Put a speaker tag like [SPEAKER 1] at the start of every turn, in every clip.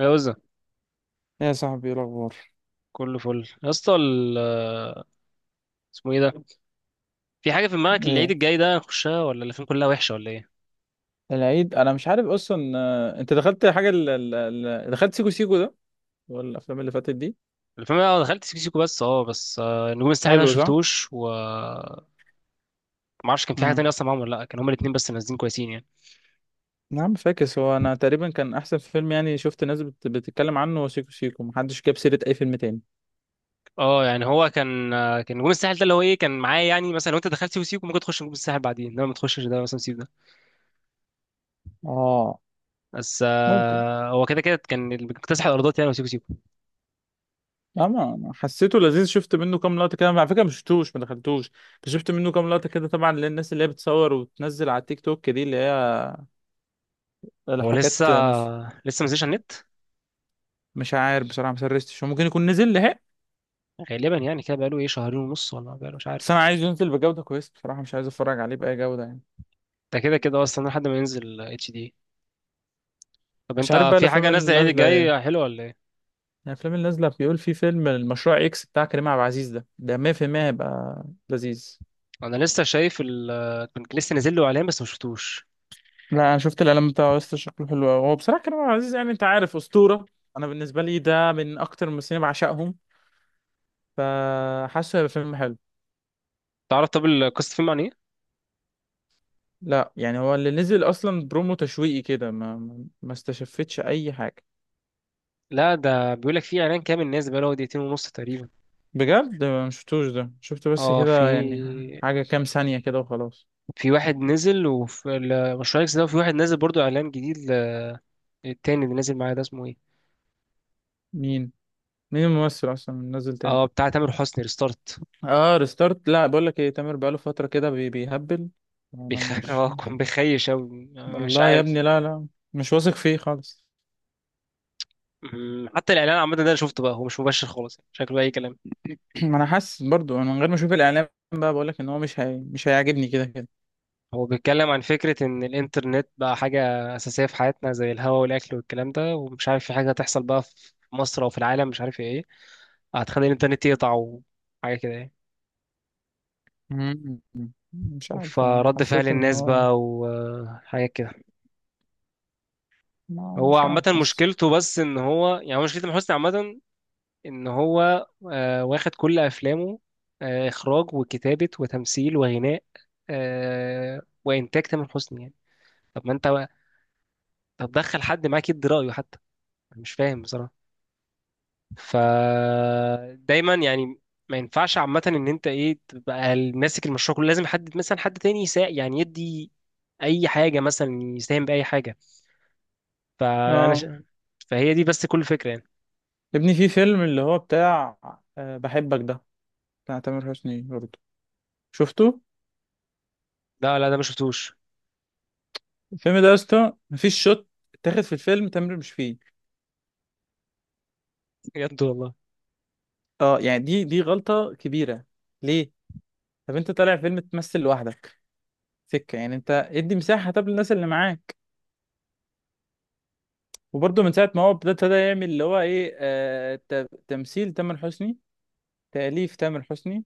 [SPEAKER 1] جوزة.
[SPEAKER 2] إيه يا صاحبي، إيه الاخبار؟
[SPEAKER 1] كله فل يا اسطى اسمه ايه ده؟ في حاجه في دماغك العيد
[SPEAKER 2] ايه
[SPEAKER 1] الجاي ده؟ نخشها ولا الافلام كلها وحشه ولا ايه؟
[SPEAKER 2] العيد انا مش عارف اصلا، انت دخلت حاجه دخلت سيكو سيكو ده والافلام اللي فاتت دي؟
[SPEAKER 1] الفيلم ده دخلت سيكو سيكو، بس نجوم الساحل ده ما
[SPEAKER 2] حلو، صح.
[SPEAKER 1] شفتوش. و ما اعرفش كان في حاجه
[SPEAKER 2] امم
[SPEAKER 1] تانية اصلا معاهم ولا لا، كان هما الاثنين بس نازلين كويسين يعني.
[SPEAKER 2] نعم، فاكس. هو انا تقريبا كان احسن فيلم، يعني شفت ناس بتتكلم عنه، هو سيكو سيكو محدش جاب سيره اي فيلم تاني.
[SPEAKER 1] اه يعني هو كان نجوم الساحل ده اللي هو ايه كان معايا، يعني مثلا لو انت دخلت سيكو سيكو ممكن تخش نجوم الساحل بعدين، انما ما تخشش ده مثلا، سيكو ده.
[SPEAKER 2] اه،
[SPEAKER 1] بس
[SPEAKER 2] ممكن.
[SPEAKER 1] آه، هو كده كده كان اللي بيكتسح الارضات يعني، هو سيكو سيكو.
[SPEAKER 2] اما أنا حسيته لذيذ، شفت منه كام لقطه كده على فكره، ما شفتوش ما دخلتوش، بس شفت منه كام لقطه كده. طبعا للناس اللي هي بتصور وتنزل على التيك توك دي اللي هي
[SPEAKER 1] هو لسه
[SPEAKER 2] الحاجات مس...
[SPEAKER 1] آه، لسه ما نزلش على النت.
[SPEAKER 2] مش عارف بصراحه، ما سرشتش، هو ممكن يكون نزل لحقه.
[SPEAKER 1] غالبا يعني كده، بقاله ايه، شهرين ونص، ولا بقاله مش عارف.
[SPEAKER 2] بس انا عايز ينزل بجودة كويسة، بصراحة مش عايز اتفرج عليه بأي جودة يعني.
[SPEAKER 1] ده كده كده اصلا لحد ما ينزل HD. طب
[SPEAKER 2] مش عارف
[SPEAKER 1] انت
[SPEAKER 2] بقى
[SPEAKER 1] في
[SPEAKER 2] الافلام
[SPEAKER 1] حاجه
[SPEAKER 2] اللي
[SPEAKER 1] نازله العيد
[SPEAKER 2] نازلة ايه يعني.
[SPEAKER 1] الجاي حلوه ولا ايه؟
[SPEAKER 2] الافلام اللي نازلة بيقول في فيلم المشروع اكس بتاع كريم عبد العزيز ده 100% هيبقى لذيذ.
[SPEAKER 1] انا لسه شايف كنت لسه نازل له اعلان، بس ما شفتوش.
[SPEAKER 2] لا انا شفت الاعلان بتاعه لسه، شكله حلو قوي. هو بصراحة كريم عبد العزيز يعني، انت عارف، أسطورة. انا بالنسبة لي ده من اكتر الممثلين اللي بعشقهم، فحاسه هيبقى فيلم حلو.
[SPEAKER 1] تعرف، طب القصه، فيلم عن ايه؟
[SPEAKER 2] لا يعني هو اللي نزل اصلا برومو تشويقي كده، ما استشفتش اي حاجة.
[SPEAKER 1] لا ده بيقول لك في اعلان كامل نازل، بقاله دقيقتين ونص تقريبا.
[SPEAKER 2] بجد ما شفتوش، ده شفت بس
[SPEAKER 1] اه، في
[SPEAKER 2] كده يعني حاجة كام ثانية كده وخلاص.
[SPEAKER 1] في واحد نزل وفي المشروع اكس ده، وفي واحد نازل برضو اعلان جديد التاني اللي نازل معايا ده اسمه ايه؟
[SPEAKER 2] مين؟ مين الممثل اصلا نزل تاني؟
[SPEAKER 1] اه، بتاع تامر حسني، ريستارت.
[SPEAKER 2] اه ريستارت. لا بقول لك ايه، تامر بقاله فتره كده بيهبل، انا مش.
[SPEAKER 1] اه كان بيخيش اوي. مش
[SPEAKER 2] والله يا
[SPEAKER 1] عارف.
[SPEAKER 2] ابني لا لا، مش واثق فيه خالص.
[SPEAKER 1] حتى الاعلان عامه ده انا شفته بقى، هو مش مباشر خالص يعني. شكله اي كلام.
[SPEAKER 2] ما انا حاسس برضو، انا من غير ما اشوف الاعلام بقى بقول لك ان هو مش هيعجبني كده كده.
[SPEAKER 1] هو بيتكلم عن فكرة إن الإنترنت بقى حاجة أساسية في حياتنا زي الهواء والأكل والكلام ده، ومش عارف في حاجة هتحصل بقى في مصر أو في العالم، مش عارف إيه، هتخلي الإنترنت يقطع وحاجة كده يعني.
[SPEAKER 2] مم. مش عارف، انا
[SPEAKER 1] فرد فعل
[SPEAKER 2] حسيت ان
[SPEAKER 1] الناس
[SPEAKER 2] هو،
[SPEAKER 1] بقى وحاجة كده.
[SPEAKER 2] ما
[SPEAKER 1] هو
[SPEAKER 2] مش
[SPEAKER 1] عامة
[SPEAKER 2] عارف، حاسس.
[SPEAKER 1] مشكلته بس إن هو، يعني هو مشكلة تامر حسني عامة، إن هو واخد كل أفلامه، إخراج وكتابة وتمثيل وغناء، وإنتاج تامر حسني يعني. طب ما أنت بقى- طب دخل حد معاك يدي رأيه حتى؟ أنا مش فاهم بصراحة. فدايما يعني ما ينفعش عامة ان انت ايه، تبقى ماسك المشروع كله، لازم حد مثلا، حد تاني يعني يدي اي حاجة مثلا، يساهم بأي حاجة. فانا ش...
[SPEAKER 2] اه،
[SPEAKER 1] فهي دي بس كل فكرة يعني.
[SPEAKER 2] يا ابني في فيلم اللي هو بتاع بحبك ده، بتاع تامر حسني برضو، شفته؟
[SPEAKER 1] لا، لا، ده ما شفتوش.
[SPEAKER 2] الفيلم ده يا اسطى مفيش شوت اتاخد في الفيلم، تامر مش فيه.
[SPEAKER 1] بجد والله.
[SPEAKER 2] اه يعني دي غلطة كبيرة. ليه؟ طب انت طالع فيلم تمثل لوحدك سكة يعني؟ انت ادي مساحة طب للناس اللي معاك. وبرضه من ساعة ما هو ابتدى يعمل اللي هو ايه، تمثيل تامر حسني، تأليف تامر حسني،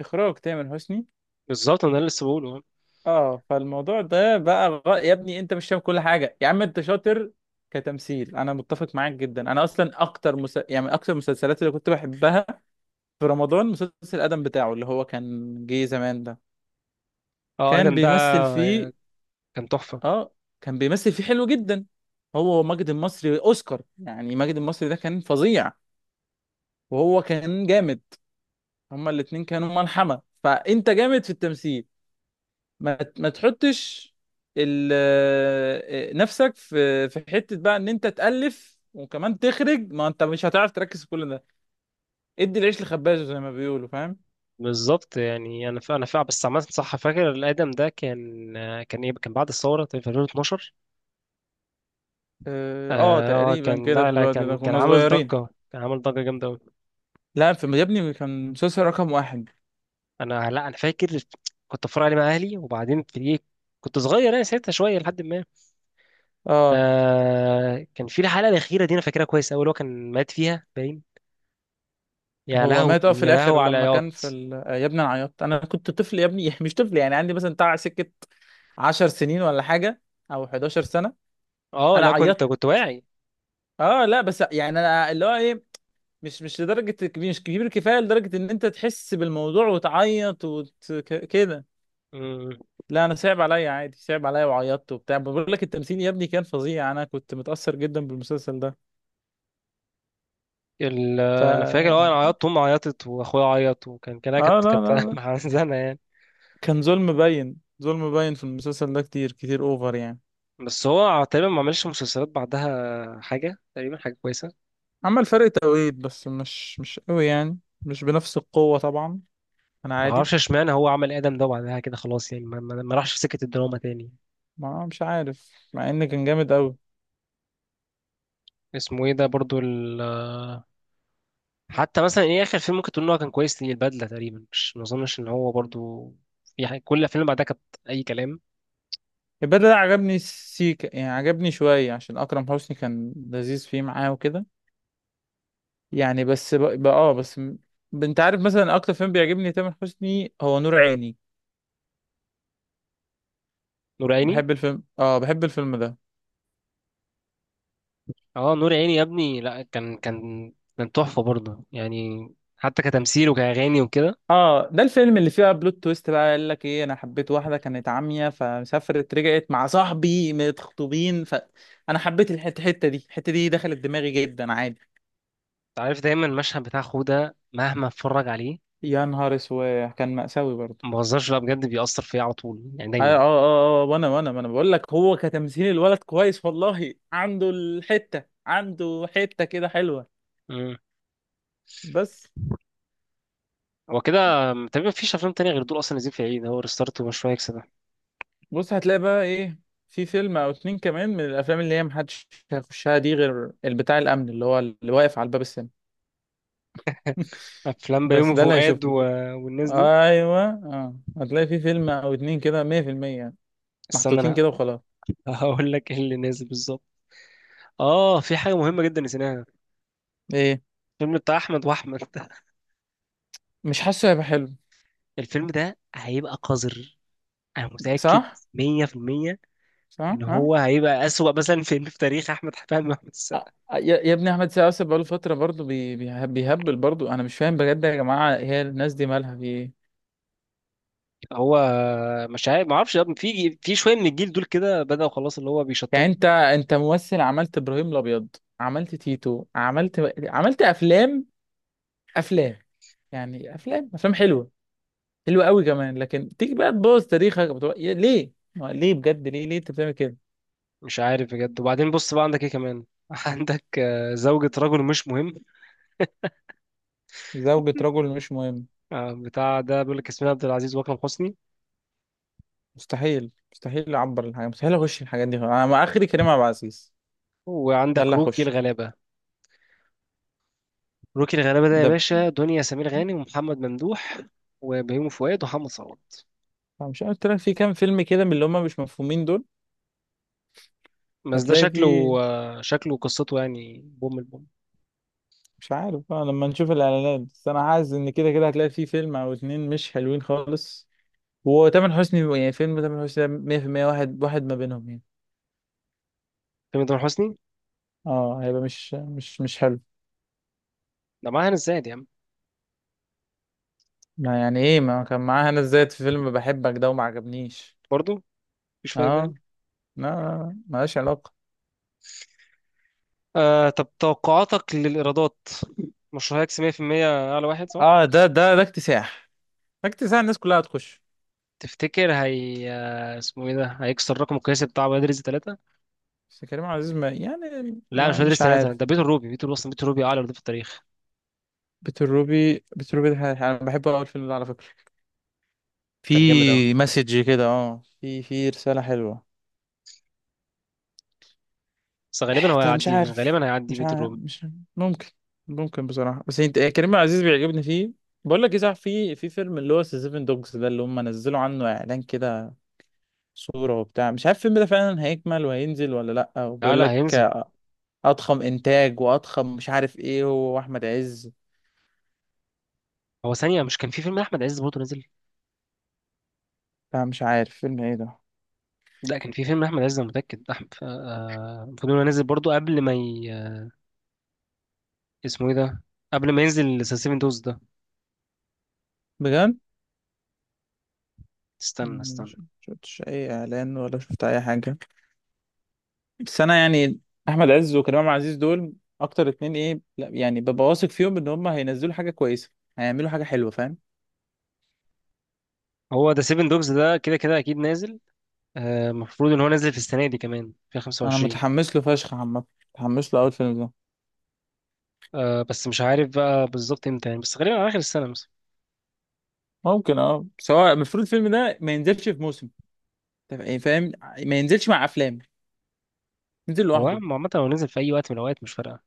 [SPEAKER 2] إخراج تامر حسني.
[SPEAKER 1] بالظبط، انا لسه بقوله.
[SPEAKER 2] اه فالموضوع ده بقى يا ابني انت مش فاهم كل حاجة، يا عم انت شاطر كتمثيل، انا متفق معاك جدا. انا اصلا اكتر يعني اكتر المسلسلات اللي كنت بحبها في رمضان مسلسل ادم بتاعه اللي هو كان جه زمان ده،
[SPEAKER 1] اه،
[SPEAKER 2] كان
[SPEAKER 1] ادم ده
[SPEAKER 2] بيمثل فيه.
[SPEAKER 1] كان تحفة.
[SPEAKER 2] اه كان بيمثل فيه حلو جدا. هو ماجد المصري اوسكار، يعني ماجد المصري ده كان فظيع، وهو كان جامد. هما الاتنين كانوا ملحمة. فانت جامد في التمثيل، ما تحطش ال آه، نفسك في حتة بقى ان انت تألف وكمان تخرج، ما انت مش هتعرف تركز في كل ده. ادي العيش لخبازه زي ما بيقولوا، فاهم؟
[SPEAKER 1] بالظبط، يعني انا فاهم. بس عامة صح، فاكر الادم ده كان، كان ايه، كان بعد الثورة في 2012.
[SPEAKER 2] اه
[SPEAKER 1] اه
[SPEAKER 2] تقريبا
[SPEAKER 1] كان،
[SPEAKER 2] كده
[SPEAKER 1] لا،
[SPEAKER 2] في
[SPEAKER 1] لا،
[SPEAKER 2] الوقت
[SPEAKER 1] كان
[SPEAKER 2] ده
[SPEAKER 1] كان
[SPEAKER 2] كنا
[SPEAKER 1] عامل
[SPEAKER 2] صغيرين.
[SPEAKER 1] ضجة، كان عامل ضجة جامدة.
[SPEAKER 2] لا في يا ابني كان مسلسل رقم واحد.
[SPEAKER 1] انا، لا، انا فاكر. كنت اتفرج عليه مع اهلي، وبعدين في ايه، كنت صغير يعني ساعتها شويه، لحد ما...
[SPEAKER 2] اه
[SPEAKER 1] كان في الحلقه الاخيره دي، انا فاكرها كويس قوي، اللي هو كان مات فيها باين. يا
[SPEAKER 2] هو
[SPEAKER 1] لهوي
[SPEAKER 2] مات، اه في
[SPEAKER 1] يا
[SPEAKER 2] الاخر
[SPEAKER 1] لهوي على
[SPEAKER 2] لما كان في
[SPEAKER 1] عياط.
[SPEAKER 2] ال... آه، يا ابني انا عيطت، انا كنت طفل يا ابني مش طفل، يعني عندي مثلا بتاع سكه 10 سنين ولا حاجه او 11 سنه.
[SPEAKER 1] اه،
[SPEAKER 2] انا
[SPEAKER 1] لا، كنت
[SPEAKER 2] عيطت.
[SPEAKER 1] كنت واعي.
[SPEAKER 2] اه لا بس يعني انا اللي هو ايه، مش لدرجه كبير، مش كبير كفايه لدرجه ان انت تحس بالموضوع وتعيط كده.
[SPEAKER 1] مم.
[SPEAKER 2] لا انا صعب عليا عادي، صعب عليا وعيطت وبتاع. بقول لك التمثيل يا ابني كان فظيع، انا كنت متاثر جدا بالمسلسل ده.
[SPEAKER 1] ال...
[SPEAKER 2] ف
[SPEAKER 1] انا فاكر، اه
[SPEAKER 2] اه
[SPEAKER 1] انا عيطت، امي عيطت، واخويا عيط، وكان كان
[SPEAKER 2] لا
[SPEAKER 1] كانت
[SPEAKER 2] لا
[SPEAKER 1] كانت
[SPEAKER 2] لا،
[SPEAKER 1] محزنه يعني.
[SPEAKER 2] كان ظلم باين، ظلم باين في المسلسل ده كتير كتير اوفر يعني.
[SPEAKER 1] بس هو تقريبا ما عملش مسلسلات بعدها حاجه، تقريبا حاجه كويسه.
[SPEAKER 2] عمل فرق توقيت بس مش قوي يعني، مش بنفس القوة طبعا. انا
[SPEAKER 1] ما
[SPEAKER 2] عادي.
[SPEAKER 1] اعرفش اشمعنى هو عمل ادم ده، وبعدها كده خلاص يعني، ما راحش في سكه الدراما تاني.
[SPEAKER 2] ما مش عارف مع ان كان جامد قوي.
[SPEAKER 1] اسمه ايه ده برضو؟ حتى مثلا ايه، اخر فيلم ممكن تقول ان هو كان كويس، ليه، البدله تقريبا، مش، ما اظنش ان هو برضو في حاجة. كل الافلام اللي بعدها كانت اي كلام.
[SPEAKER 2] البدل ده عجبني سيكا، يعني عجبني شوية عشان اكرم حسني كان لذيذ فيه معاه وكده يعني. بس بقى اه انت عارف مثلا اكتر فيلم بيعجبني تامر حسني هو نور عيني.
[SPEAKER 1] نور عيني.
[SPEAKER 2] بحب الفيلم، اه بحب الفيلم ده.
[SPEAKER 1] اه، نور عيني يا ابني، لا كان، كان تحفه برضه يعني. حتى كتمثيل وكاغاني وكده. انت
[SPEAKER 2] اه ده الفيلم اللي فيه بلوت تويست بقى، قال لك ايه، انا حبيت واحده كانت عمية، فسافرت، رجعت مع صاحبي متخطوبين، فانا حبيت الحته. الحتة دي دخلت دماغي جدا عادي.
[SPEAKER 1] عارف دايما المشهد بتاع خو ده، مهما اتفرج عليه
[SPEAKER 2] يا نهار اسود، كان مأساوي برضه.
[SPEAKER 1] ما بهزرش، لا بجد بيأثر فيا على طول يعني دايما.
[SPEAKER 2] وانا ما انا بقول لك هو كتمثيل الولد كويس والله، عنده الحته، عنده حته كده حلوه.
[SPEAKER 1] مم.
[SPEAKER 2] بس
[SPEAKER 1] هو كده. تقريبا مفيش افلام تانية غير دول اصلا نازلين في العيد، هو ريستارت ومشروع اكس ده.
[SPEAKER 2] بص، هتلاقي بقى ايه، في فيلم او اتنين كمان من الافلام اللي هي محدش هيخشها دي غير البتاع الامن اللي هو اللي واقف على الباب السينما،
[SPEAKER 1] افلام
[SPEAKER 2] بس
[SPEAKER 1] بيومي
[SPEAKER 2] ده اللي
[SPEAKER 1] فؤاد
[SPEAKER 2] هيشوفه.
[SPEAKER 1] والناس دي.
[SPEAKER 2] ايوه اه هتلاقي في فيلم او اتنين كده 100% يعني،
[SPEAKER 1] استنى،
[SPEAKER 2] محطوطين
[SPEAKER 1] انا
[SPEAKER 2] كده وخلاص.
[SPEAKER 1] هقول لك ايه اللي نازل بالظبط. اه، في حاجة مهمة جدا نسيناها.
[SPEAKER 2] ايه؟
[SPEAKER 1] الفيلم بتاع أحمد وأحمد.
[SPEAKER 2] مش حاسه هيبقى حلو.
[SPEAKER 1] الفيلم ده هيبقى قذر، أنا متأكد
[SPEAKER 2] صح،
[SPEAKER 1] 100%،
[SPEAKER 2] صح
[SPEAKER 1] إن
[SPEAKER 2] اه.
[SPEAKER 1] هو هيبقى أسوأ مثلا فيلم في تاريخ أحمد فهمي وأحمد السقا.
[SPEAKER 2] يا ابني احمد سقاس بقاله فتره برضه بيهبل برضه، انا مش فاهم بجد يا جماعه، هي الناس دي مالها في ايه؟
[SPEAKER 1] هو مش عارف، ما اعرفش يا ابني، في شوية من الجيل دول كده بدأوا خلاص اللي هو
[SPEAKER 2] يعني
[SPEAKER 1] بيشطبوا.
[SPEAKER 2] انت ممثل، عملت ابراهيم الابيض، عملت تيتو، عملت، عملت افلام، افلام، يعني افلام افلام حلوه، حلو قوي كمان. لكن تيجي بقى تبوظ تاريخك بتبقى، ليه، ما ليه بجد، ليه ليه انت بتعمل كده؟
[SPEAKER 1] مش عارف بجد. وبعدين بص بقى، عندك إيه كمان، عندك زوجة رجل مش مهم.
[SPEAKER 2] زوجة رجل مش مهم؟
[SPEAKER 1] بتاع ده بيقول لك ياسمين عبد العزيز وأكرم حسني.
[SPEAKER 2] مستحيل، مستحيل اعبر الحاجة، مستحيل اخش الحاجات دي. انا مع اخري كريم عبد العزيز، ده
[SPEAKER 1] وعندك
[SPEAKER 2] اللي
[SPEAKER 1] روكي
[SPEAKER 2] هخشه.
[SPEAKER 1] الغلابة. روكي الغلابة ده يا
[SPEAKER 2] ده ب-
[SPEAKER 1] باشا، دنيا سمير غانم ومحمد ممدوح وبيومي فؤاد ومحمد صوت.
[SPEAKER 2] مش عارف، قلت لك في كام فيلم كده من اللي هم مش مفهومين دول،
[SPEAKER 1] بس ده
[SPEAKER 2] هتلاقي
[SPEAKER 1] شكله
[SPEAKER 2] فيه.
[SPEAKER 1] آه، شكله قصته يعني، بوم البوم.
[SPEAKER 2] مش عارف بقى لما نشوف الاعلانات، بس انا حاسس ان كده كده هتلاقي فيه فيلم او اتنين مش حلوين خالص. وتامر حسني يعني فيلم تامر حسني ده 100% واحد واحد ما بينهم يعني.
[SPEAKER 1] فيلم تامر حسني
[SPEAKER 2] اه هيبقى مش حلو.
[SPEAKER 1] ده معاه هنا الزاهد يا عم.
[SPEAKER 2] ما يعني ايه ما كان معاها؟ انا ازاي في فيلم بحبك ده وما عجبنيش؟
[SPEAKER 1] برضه مفيش فايدة يعني.
[SPEAKER 2] اه لا لا، لا، ملهاش علاقة.
[SPEAKER 1] طب، توقعاتك للإيرادات. مشروع هيكسب 100%. أعلى واحد صح؟
[SPEAKER 2] اه ده اكتساح، ده اكتساح الناس كلها هتخش.
[SPEAKER 1] تفتكر هي اسمه ايه ده هيكسر الرقم القياسي بتاع ولاد رزق 3؟
[SPEAKER 2] بس كريم عبد العزيز ما يعني
[SPEAKER 1] لا، مش
[SPEAKER 2] ما
[SPEAKER 1] ولاد رزق
[SPEAKER 2] مش
[SPEAKER 1] ثلاثة
[SPEAKER 2] عارف.
[SPEAKER 1] ده بيت الروبي، بيت الروبي أصلا، بيت الروبي أعلى إيرادات في التاريخ.
[SPEAKER 2] بيت الروبي انا بحبه اول فيلم ده على فكرة، في
[SPEAKER 1] كان جامد أوي.
[SPEAKER 2] مسج كده، اه في رسالة حلوة.
[SPEAKER 1] بس غالبا هو
[SPEAKER 2] انت مش
[SPEAKER 1] هيعديه،
[SPEAKER 2] عارف،
[SPEAKER 1] غالبا هيعدي
[SPEAKER 2] مش
[SPEAKER 1] بيت
[SPEAKER 2] عارف
[SPEAKER 1] الروبي.
[SPEAKER 2] مش، ممكن. ممكن بصراحة بس انت إيه، كريم عبد العزيز بيعجبني فيه. بقول لك ايه صح، في فيلم اللي هو سيفن دوجز ده اللي هم نزلوا عنه اعلان كده، صورة وبتاع مش عارف الفيلم ده فعلا هيكمل وهينزل ولا لأ،
[SPEAKER 1] لا،
[SPEAKER 2] وبيقول
[SPEAKER 1] لا،
[SPEAKER 2] لك
[SPEAKER 1] هينزل.
[SPEAKER 2] أضخم إنتاج وأضخم مش عارف إيه، هو وأحمد عز.
[SPEAKER 1] هو ثانية، مش كان في فيلم أحمد عز برضه نزل؟
[SPEAKER 2] فمش عارف فيلم إيه ده.
[SPEAKER 1] لا كان في فيلم أحمد عز، أنا متأكد، أحمد، المفروض إنه نزل برضه قبل ما اسمه إيه ده؟ قبل ما ينزل ذا سيفن دوز ده.
[SPEAKER 2] بجد؟
[SPEAKER 1] استنى،
[SPEAKER 2] أنا
[SPEAKER 1] استنى.
[SPEAKER 2] مش شفتش أي إعلان ولا شفت أي حاجة. بس أنا يعني أحمد عز وكريم عبد العزيز دول أكتر اتنين إيه، لأ يعني ببقى واثق فيهم إن هما هينزلوا حاجة كويسة، هيعملوا حاجة حلوة، فاهم؟
[SPEAKER 1] هو ذا سيفن دوز ده كده كده أكيد نازل. المفروض إن هو نازل في السنة دي كمان في
[SPEAKER 2] أنا
[SPEAKER 1] 25.
[SPEAKER 2] متحمس له فشخ عامة، متحمس له أوي الفيلم ده.
[SPEAKER 1] بس مش عارف بقى بالظبط إمتى يعني، بس غالبا على آخر السنة مثلا.
[SPEAKER 2] ممكن أه، سواء المفروض الفيلم ده ما ينزلش في موسم، طب إيه فاهم، ما ينزلش مع أفلام، نزل
[SPEAKER 1] هو
[SPEAKER 2] لوحده.
[SPEAKER 1] عامة لو نزل في أي وقت من الأوقات مش فارقة.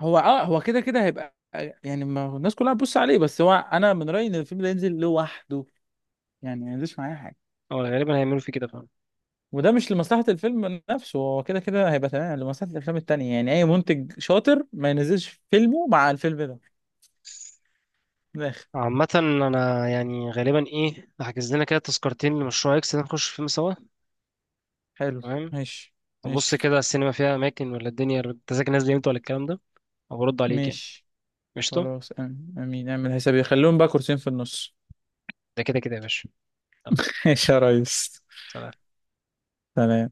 [SPEAKER 2] هو اه، هو كده كده هيبقى، يعني ما هو الناس كلها هتبص عليه. بس هو انا من رأيي ان الفيلم ده ينزل لوحده، يعني ما ينزلش معايا حاجه.
[SPEAKER 1] هو غالبا هيعملوا فيه كده فعلا.
[SPEAKER 2] وده مش لمصلحة الفيلم نفسه، هو كده كده هيبقى تمام، لمصلحة الافلام التانية. يعني اي منتج شاطر ما ينزلش فيلمه مع الفيلم ده، من الاخر.
[SPEAKER 1] عامة، أنا يعني غالبا إيه، هحجز لنا كده تذكرتين لمشروع إكس ده، نخش فيلم سوا.
[SPEAKER 2] حلو.
[SPEAKER 1] تمام.
[SPEAKER 2] ماشي، ماشي.
[SPEAKER 1] بص كده السينما فيها اماكن، ولا الدنيا التذاكر نازله امتى ولا الكلام ده؟ او برد عليك يعني.
[SPEAKER 2] ماشي
[SPEAKER 1] قشطه.
[SPEAKER 2] خلاص، آمين آمين. اعمل حسابي، خليهم بقى كرسيين في النص.
[SPEAKER 1] ده كده كده يا باشا. يلا،
[SPEAKER 2] ماشي يا ريس.
[SPEAKER 1] سلام.
[SPEAKER 2] سلام.